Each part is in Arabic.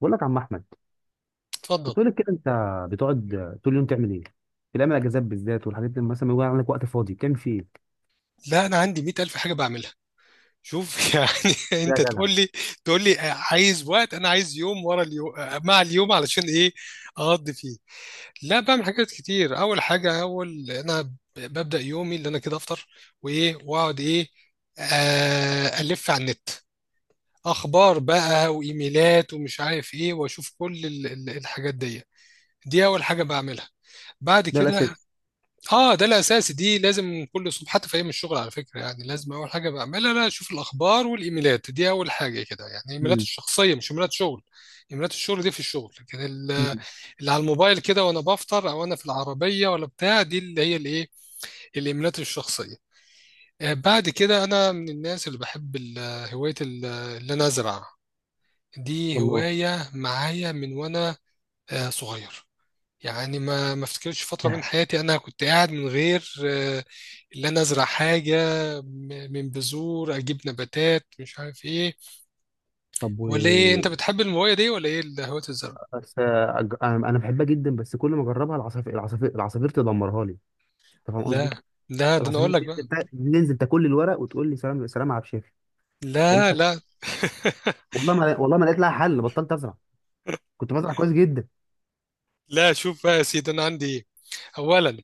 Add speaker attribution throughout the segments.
Speaker 1: بقول لك يا عم احمد،
Speaker 2: اتفضل.
Speaker 1: بتقول لك كده انت بتقعد طول اليوم تعمل ايه في الايام الاجازات بالذات والحاجات دي، مثلا ما يكون عندك وقت فاضي بتعمل فيه ايه؟
Speaker 2: لا، انا عندي 100000 حاجه بعملها. شوف يعني
Speaker 1: ده يا
Speaker 2: انت
Speaker 1: جدع.
Speaker 2: تقول لي عايز وقت، انا عايز يوم ورا اليوم مع اليوم علشان ايه اقضي فيه. لا، بعمل حاجات كتير. اول حاجه، ببدا يومي اللي انا كده افطر وايه واقعد ايه. الف على النت، اخبار بقى وايميلات ومش عارف ايه، واشوف كل الحاجات دي. دي اول حاجه بعملها. بعد
Speaker 1: ده
Speaker 2: كده
Speaker 1: الاساسي.
Speaker 2: اه ده الاساسي، دي لازم كل صبح حتى في ايام الشغل، على فكره يعني. لازم اول حاجه بعملها انا اشوف الاخبار والايميلات، دي اول حاجه كده يعني. الايميلات
Speaker 1: امم.
Speaker 2: الشخصيه مش ايميلات شغل، ايميلات الشغل دي في الشغل، لكن
Speaker 1: امم.
Speaker 2: اللي على الموبايل كده وانا بفطر او انا في العربيه ولا بتاع، دي اللي هي الايه، الايميلات الشخصيه. آه، بعد كده انا من الناس اللي بحب هوايه اللي انا ازرع، دي
Speaker 1: والله.
Speaker 2: هوايه معايا من وانا صغير، يعني ما افتكرش فترة من حياتي انا كنت قاعد من غير اللي انا ازرع حاجة من بذور، اجيب نباتات مش عارف ايه
Speaker 1: طب و،
Speaker 2: ولا ايه. انت بتحب المويه دي ولا ايه، هواية الزرع؟
Speaker 1: بس انا أنا بحبها جدا، بس كل ما اجربها العصافير تدمرها لي. انت فاهم
Speaker 2: لا
Speaker 1: قصدي؟
Speaker 2: لا، ده انا
Speaker 1: العصافير
Speaker 2: اقول لك بقى.
Speaker 1: تنزل ننزل تاكل لي الورق وتقول لي سلام سلام على بشافي ما تعملش
Speaker 2: لا
Speaker 1: حاجه.
Speaker 2: لا
Speaker 1: والله ما لقيت لها حل، بطلت ازرع. كنت بزرع كويس جدا.
Speaker 2: لا، شوف بقى يا سيدي، انا عندي ايه؟ اولا،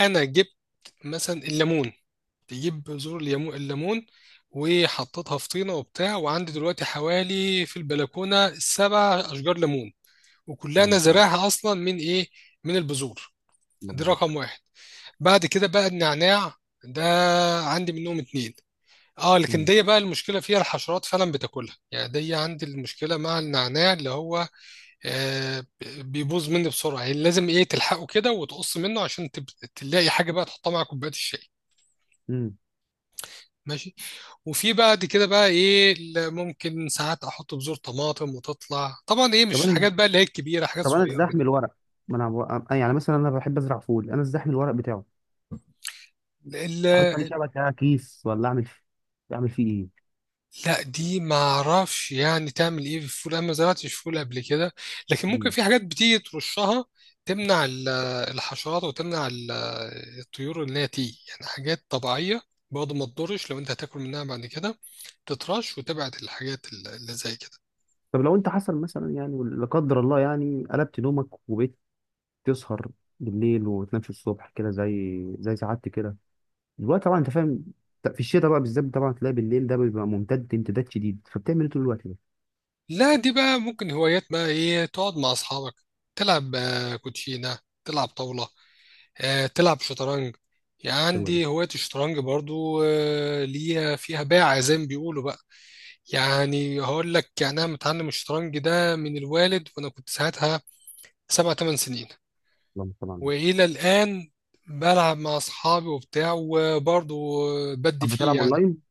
Speaker 2: انا جبت مثلا الليمون، تجيب بذور الليمون وحطيتها في طينة وبتاع، وعندي دلوقتي حوالي في البلكونة سبع أشجار ليمون وكلها
Speaker 1: اللهم
Speaker 2: انا
Speaker 1: صل على النبي.
Speaker 2: زارعها اصلا من ايه، من البذور.
Speaker 1: اللهم
Speaker 2: دي رقم
Speaker 1: بارك.
Speaker 2: واحد. بعد كده بقى النعناع ده، عندي منهم اتنين. اه لكن
Speaker 1: امم.
Speaker 2: دي بقى المشكله فيها الحشرات فعلا بتاكلها يعني، دي عندي المشكله مع النعناع اللي هو آه بيبوظ مني بسرعه، يعني لازم ايه تلحقه كده وتقص منه عشان تلاقي حاجه بقى تحطها مع كوبايه الشاي.
Speaker 1: امم.
Speaker 2: ماشي. وفي بعد كده بقى ايه اللي ممكن ساعات احط بذور طماطم وتطلع طبعا ايه،
Speaker 1: طب
Speaker 2: مش
Speaker 1: انا،
Speaker 2: حاجات بقى اللي هي الكبيره، حاجات
Speaker 1: طب انا
Speaker 2: صغيره
Speaker 1: ازاحم الورق، ما انا بو- أنا- يعني مثلا انا بحب ازرع فول، انا ازاحم الورق بتاعه،
Speaker 2: كده.
Speaker 1: احط عليه شبكه كيس ولا اعمل؟ اعمل فيه ايه؟
Speaker 2: لا دي ما اعرفش يعني تعمل ايه في الفول، انا ما زرعتش فول قبل كده، لكن ممكن
Speaker 1: مم.
Speaker 2: في حاجات بتيجي ترشها تمنع الحشرات وتمنع الطيور ان هي تيجي، يعني حاجات طبيعيه برضه ما تضرش لو انت هتاكل منها بعد كده، تترش وتبعد الحاجات اللي زي كده.
Speaker 1: طب لو انت حصل مثلا يعني لا قدر الله، يعني قلبت نومك وبقيت تسهر بالليل وتنامش الصبح كده زي سعادتي كده دلوقتي طبعا، انت فاهم؟ في الشتاء بقى بالذات طبعا تلاقي بالليل ده بيبقى ممتد امتداد شديد، فبتعمل ايه طول الوقت ده؟
Speaker 2: لا دي بقى ممكن هوايات بقى ايه، تقعد مع اصحابك تلعب كوتشينه، تلعب طاوله، تلعب شطرنج، يعني
Speaker 1: حلوه دي.
Speaker 2: عندي هوايه الشطرنج برضو، ليها فيها باع زي ما بيقولوا بقى. يعني هقول لك يعني انا متعلم الشطرنج ده من الوالد وانا كنت ساعتها سبع ثمان سنين،
Speaker 1: اللهم صل على النبي.
Speaker 2: والى الان بلعب مع اصحابي وبتاع وبرضه بدي
Speaker 1: طب
Speaker 2: فيه
Speaker 1: بتلعب
Speaker 2: يعني،
Speaker 1: اونلاين؟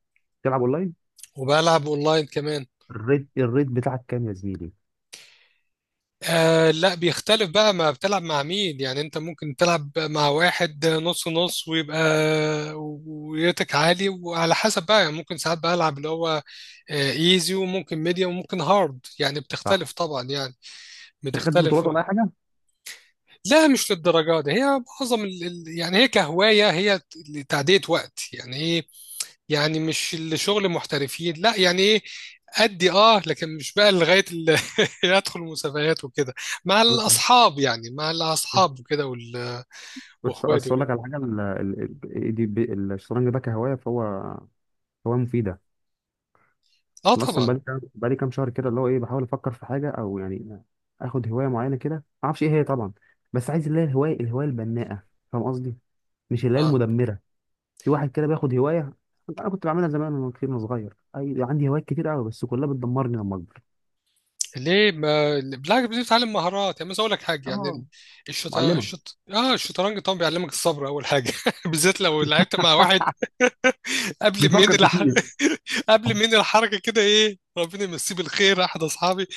Speaker 1: بتلعب اونلاين؟
Speaker 2: وبلعب اونلاين كمان.
Speaker 1: الريت الريت بتاعك كام يا زميلي؟
Speaker 2: آه لا بيختلف بقى ما بتلعب مع مين، يعني انت ممكن تلعب مع واحد نص نص ويبقى ويتك عالي، وعلى حسب بقى يعني ممكن ساعات بلعب اللي هو ايزي وممكن ميديوم وممكن هارد، يعني
Speaker 1: صح.
Speaker 2: بتختلف طبعا يعني،
Speaker 1: ما خدتش بطولات
Speaker 2: بتختلف.
Speaker 1: ولا اي حاجه؟
Speaker 2: لا مش للدرجة دي، هي معظم يعني هي كهواية، هي تعدية وقت يعني ايه، يعني مش الشغل محترفين لا، يعني ايه أدي اه، لكن مش بقى لغاية أدخل مسابقات وكده، مع الأصحاب يعني، مع الأصحاب وكده
Speaker 1: بس بس
Speaker 2: وإخواتي
Speaker 1: اقول لك
Speaker 2: وكده.
Speaker 1: على حاجه، الشطرنج ده كهوايه فهو هوايه مفيده.
Speaker 2: اه
Speaker 1: انا اصلا
Speaker 2: طبعا.
Speaker 1: بقالي كام، بقالي كام شهر كده اللي هو ايه، بحاول افكر في حاجه او يعني اخد هوايه معينه كده، ما اعرفش ايه هي طبعا، بس عايز اللي هي الهوايه، الهوايه البناءه. فاهم قصدي؟ مش اللي هي
Speaker 2: اه.
Speaker 1: المدمره. في واحد كده بياخد هوايه. انا كنت بعملها زمان وانا كتير وانا صغير، اي عندي هوايات كتير قوي، بس كلها بتدمرني لما اكبر.
Speaker 2: ليه، ما بالعكس بتتعلم مهارات، يعني مثلا أقول لك حاجة
Speaker 1: اه.
Speaker 2: يعني.
Speaker 1: معلمه.
Speaker 2: الشطرنج طبعا بيعلمك الصبر أول حاجة بالذات لو لعبت مع واحد قبل منين
Speaker 1: بيفكر
Speaker 2: الح...
Speaker 1: كتير.
Speaker 2: قبل منين الحركه كده ايه، ربنا يمسيه بالخير، احد اصحابي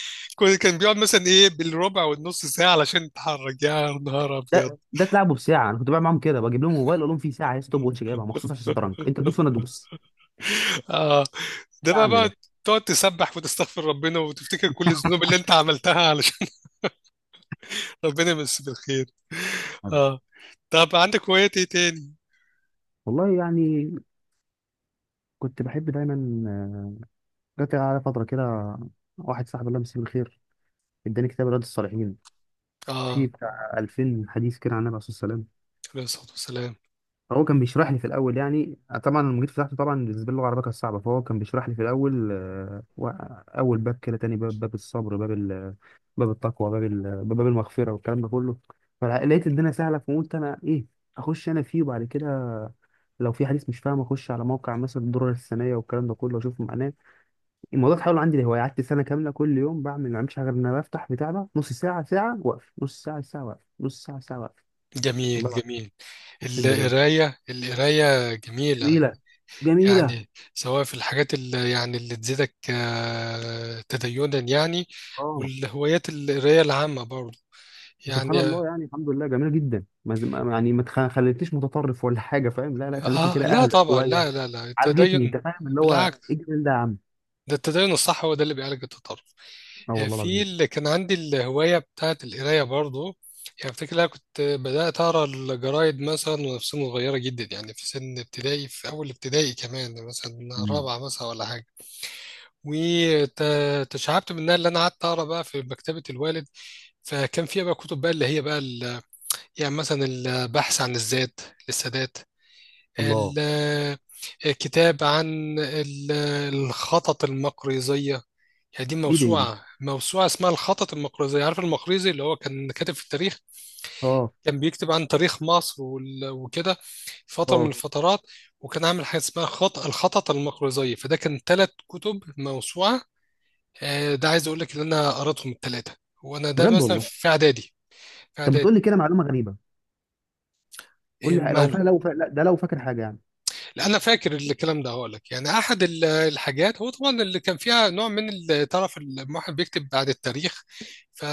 Speaker 2: كان بيقعد مثلا ايه بالربع والنص ساعه علشان يتحرك، يا نهار ابيض.
Speaker 1: ده ده تلعبه بساعه، انا كنت بعمل معاهم كده بجيب لهم موبايل اقول لهم في ساعه ستوب واتش جايبها مخصوص عشان الشطرنج، انت تدوس وانا ادوس.
Speaker 2: اه ده
Speaker 1: يا
Speaker 2: بقى
Speaker 1: عم
Speaker 2: بقى
Speaker 1: ده.
Speaker 2: تقعد تسبح وتستغفر ربنا وتفتكر كل الذنوب اللي انت عملتها علشان ربنا يمسيه بالخير.
Speaker 1: هذا.
Speaker 2: اه. طب عندك هوايات ايه تاني؟
Speaker 1: والله يعني كنت بحب دايما، آه، جات على فترة كده، واحد صاحبي الله يمسيه بالخير اداني كتاب رياض الصالحين فيه
Speaker 2: اه،
Speaker 1: بتاع 2000 حديث كده عن النبي عليه الصلاة والسلام.
Speaker 2: عليه الصلاه والسلام.
Speaker 1: هو كان بيشرح لي في الاول يعني، طبعا المجيد فتحته، طبعا بالنسبه لي اللغه العربيه كانت صعبه، فهو كان بيشرح لي في الاول، اول باب كده، تاني باب، باب الصبر، باب التقوى، باب المغفره والكلام ده كله. فلقيت الدنيا سهله، فقلت انا ايه، اخش انا فيه. وبعد كده لو في حديث مش فاهم اخش على موقع مثلا الدرر السنيه والكلام ده كله اشوف معناه. الموضوع اتحول عندي لهوايه، قعدت سنه كامله كل يوم بعمل، ما بعملش حاجه غير ان انا بفتح بتاع ده نص ساعه ساعه واقف، نص ساعه ساعه واقف، نص ساعه ساعه واقف. والله
Speaker 2: جميل
Speaker 1: العظيم،
Speaker 2: جميل،
Speaker 1: اقسم بالله.
Speaker 2: القرايه القرايه جميله،
Speaker 1: جميله. جميله.
Speaker 2: يعني سواء في الحاجات اللي يعني اللي تزيدك تدينا يعني،
Speaker 1: اه.
Speaker 2: والهوايات القراية العامة برضه
Speaker 1: سبحان
Speaker 2: يعني.
Speaker 1: الله، يعني الحمد لله جميله جدا، ما ز- ما- يعني ما تخ- خلتنيش متطرف ولا حاجه، فاهم؟ لا، خلتني
Speaker 2: اه،
Speaker 1: كده
Speaker 2: لا
Speaker 1: اهدى
Speaker 2: طبعا،
Speaker 1: شويه.
Speaker 2: لا لا لا،
Speaker 1: عالجتني، انت
Speaker 2: التدين
Speaker 1: فاهم اللي هو، ايه
Speaker 2: بالعكس،
Speaker 1: الجمال ده يا عم.
Speaker 2: ده التدين الصح هو ده اللي بيعالج التطرف.
Speaker 1: اه
Speaker 2: آه،
Speaker 1: والله
Speaker 2: في
Speaker 1: العظيم.
Speaker 2: اللي كان عندي الهواية بتاعت القراية برضه، يعني افتكر انا كنت بدأت اقرا الجرايد مثلا وانا في سن صغيرة جدا، يعني في سن ابتدائي في اول ابتدائي كمان، مثلا
Speaker 1: مم.
Speaker 2: رابعة مثلا ولا حاجة. وتشعبت منها اللي انا قعدت اقرا بقى في مكتبه الوالد، فكان فيها بقى كتب بقى اللي هي بقى يعني مثلا البحث عن الذات للسادات،
Speaker 1: الله.
Speaker 2: ال- كتاب عن الخطط المقريزيه. يعني دي
Speaker 1: ايه ده؟ ايه ده؟
Speaker 2: موسوعه، موسوعه اسمها الخطط المقريزيه، عارف المقريزي اللي هو كان كاتب في التاريخ،
Speaker 1: اه.
Speaker 2: كان بيكتب عن تاريخ مصر وكده، فتره من
Speaker 1: اه.
Speaker 2: الفترات، وكان عامل حاجه اسمها خط الخطط المقريزيه، فده كان ثلاث كتب موسوعه. آه، ده عايز اقول لك ان انا قريتهم الثلاثه وانا ده
Speaker 1: بجد
Speaker 2: مثلا
Speaker 1: والله؟
Speaker 2: في اعدادي، في
Speaker 1: طب
Speaker 2: اعدادي.
Speaker 1: بتقول لي كده معلومه غريبه. قول
Speaker 2: إيه
Speaker 1: لي،
Speaker 2: ماله؟
Speaker 1: لا ده لو فاكر حاجه يعني.
Speaker 2: لا انا فاكر الكلام ده. هقول لك يعني احد الحاجات هو طبعا اللي كان فيها نوع من تعرف الواحد بيكتب بعد التاريخ، ف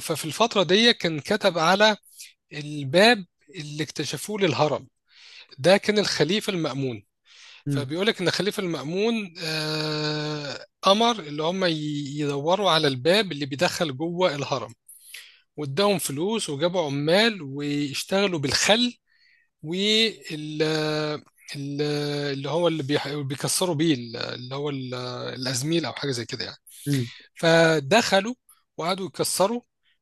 Speaker 2: ففي الفتره دي كان كتب على الباب اللي اكتشفوه للهرم، ده كان الخليفه المأمون.
Speaker 1: امم.
Speaker 2: فبيقول لك ان الخليفه المأمون، آه، امر اللي هم يدوروا على الباب اللي بيدخل جوه الهرم، واداهم فلوس وجابوا عمال واشتغلوا بالخل وال ال- اللي هو اللي بيكسروا بيه اللي هو الازميل او حاجه زي كده يعني.
Speaker 1: امم.
Speaker 2: فدخلوا وقعدوا يكسروا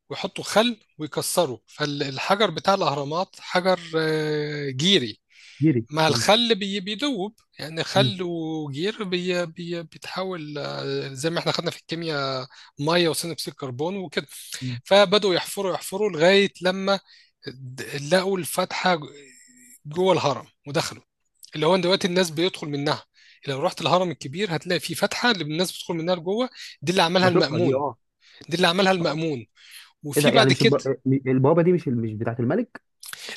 Speaker 2: ويحطوا خل ويكسروا، فالحجر بتاع الاهرامات حجر، جيري،
Speaker 1: جيري.
Speaker 2: مع
Speaker 1: مم.
Speaker 2: الخل بيدوب يعني،
Speaker 1: مم.
Speaker 2: خل وجير بي بي بيتحول، زي ما احنا خدنا في الكيمياء، ميه وثاني اكسيد كربون وكده.
Speaker 1: مم.
Speaker 2: فبدأوا يحفروا يحفروا لغاية لما لقوا الفتحة جوه الهرم ودخلوا، اللي هو دلوقتي الناس بيدخل منها. لو رحت الهرم الكبير هتلاقي في فتحة اللي الناس بتدخل منها لجوه، دي اللي عملها
Speaker 1: بشوفها دي
Speaker 2: المأمون.
Speaker 1: اه.
Speaker 2: دي اللي عملها
Speaker 1: آه.
Speaker 2: المأمون،
Speaker 1: ايه ده؟
Speaker 2: وفي
Speaker 1: يعني
Speaker 2: بعد
Speaker 1: مش
Speaker 2: كده،
Speaker 1: البوابه دي مش مش بتاعت الملك؟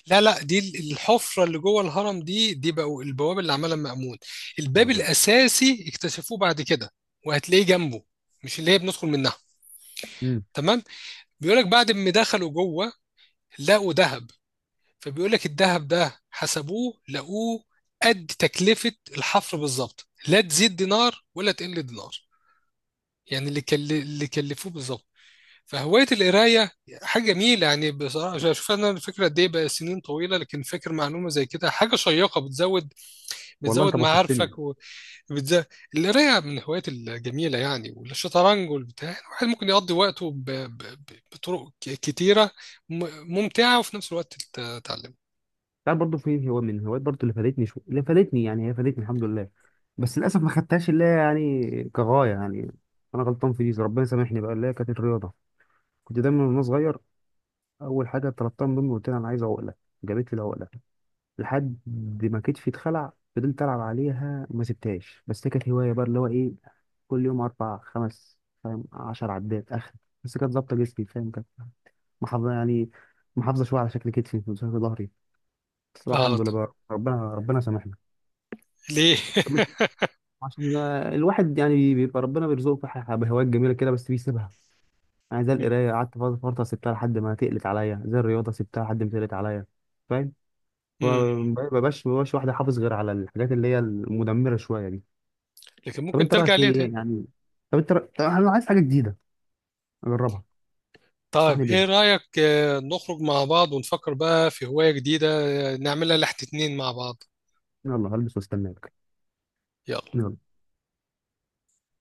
Speaker 2: لا لا، دي الحفرة اللي جوه الهرم دي بقوا البوابة اللي عملها المأمون، الباب
Speaker 1: آه، بس.
Speaker 2: الأساسي اكتشفوه بعد كده، وهتلاقيه جنبه، مش اللي هي بندخل منها.
Speaker 1: مم.
Speaker 2: تمام، بيقولك بعد ما دخلوا جوه لقوا ذهب، فبيقول لك الذهب ده حسبوه، لقوه قد تكلفة الحفر بالظبط، لا تزيد دينار ولا تقل دينار، يعني اللي كلفوه بالظبط. فهواية القراية حاجة جميلة يعني، بصراحة شوف شوف أنا الفكرة قد إيه بقى، سنين طويلة لكن فاكر معلومة زي كده، حاجة شيقة بتزود،
Speaker 1: والله
Speaker 2: بتزود
Speaker 1: انت
Speaker 2: معارفك
Speaker 1: بسطتني.
Speaker 2: وبتزود. القراية من الهوايات الجميلة يعني، والشطرنج والبتاع، يعني الواحد ممكن يقضي وقته بطرق كتيرة ممتعة وفي نفس الوقت تتعلم.
Speaker 1: تعرف برضه في هو من هوايات برضه اللي فادتني، شو اللي فادتني، يعني هي فادتني الحمد لله، بس للاسف ما خدتهاش اللي هي يعني كغايه يعني. انا غلطان في دي، ربنا سامحني بقى، اللي هي كانت الرياضه. كنت دايما وانا صغير اول حاجه طلبتها من امي قلت لها انا عايز عقله. جابت لي العقله لحد ما كتفي اتخلع، فضلت العب عليها ما سبتهاش. بس هي كانت هوايه بقى اللي هو ايه، كل يوم اربع خمس، فاهم، 10 عدات اخر. بس كانت ظابطه جسمي، فاهم، كانت محافظه يعني، محافظه شويه على شكل كتفي وشكل ظهري. بس الحمد لله بقى، ربنا ربنا سامحني.
Speaker 2: ليه
Speaker 1: طب عشان الواحد يعني بيبقى ربنا بيرزقه في بهوايات جميله كده بس بيسيبها. يعني زي القرايه قعدت فتره، فترة سبتها لحد ما تقلت عليا، زي الرياضه سبتها لحد ما تقلت عليا، فاهم؟
Speaker 2: مم.
Speaker 1: ما ما بقاش واحد حافظ غير على الحاجات اللي هي المدمره شويه دي.
Speaker 2: لكن
Speaker 1: طب
Speaker 2: ممكن
Speaker 1: انت
Speaker 2: ترجع
Speaker 1: رايك
Speaker 2: ليها
Speaker 1: ايه
Speaker 2: تاني.
Speaker 1: يعني؟ طب انا عايز حاجه جديده اجربها.
Speaker 2: طيب
Speaker 1: تنصحني
Speaker 2: ايه
Speaker 1: بيه؟
Speaker 2: رأيك، نخرج مع بعض ونفكر بقى في هواية جديدة، نعملها لحد اتنين مع بعض.
Speaker 1: يلا هلبس واستناك.
Speaker 2: يلا
Speaker 1: يلا.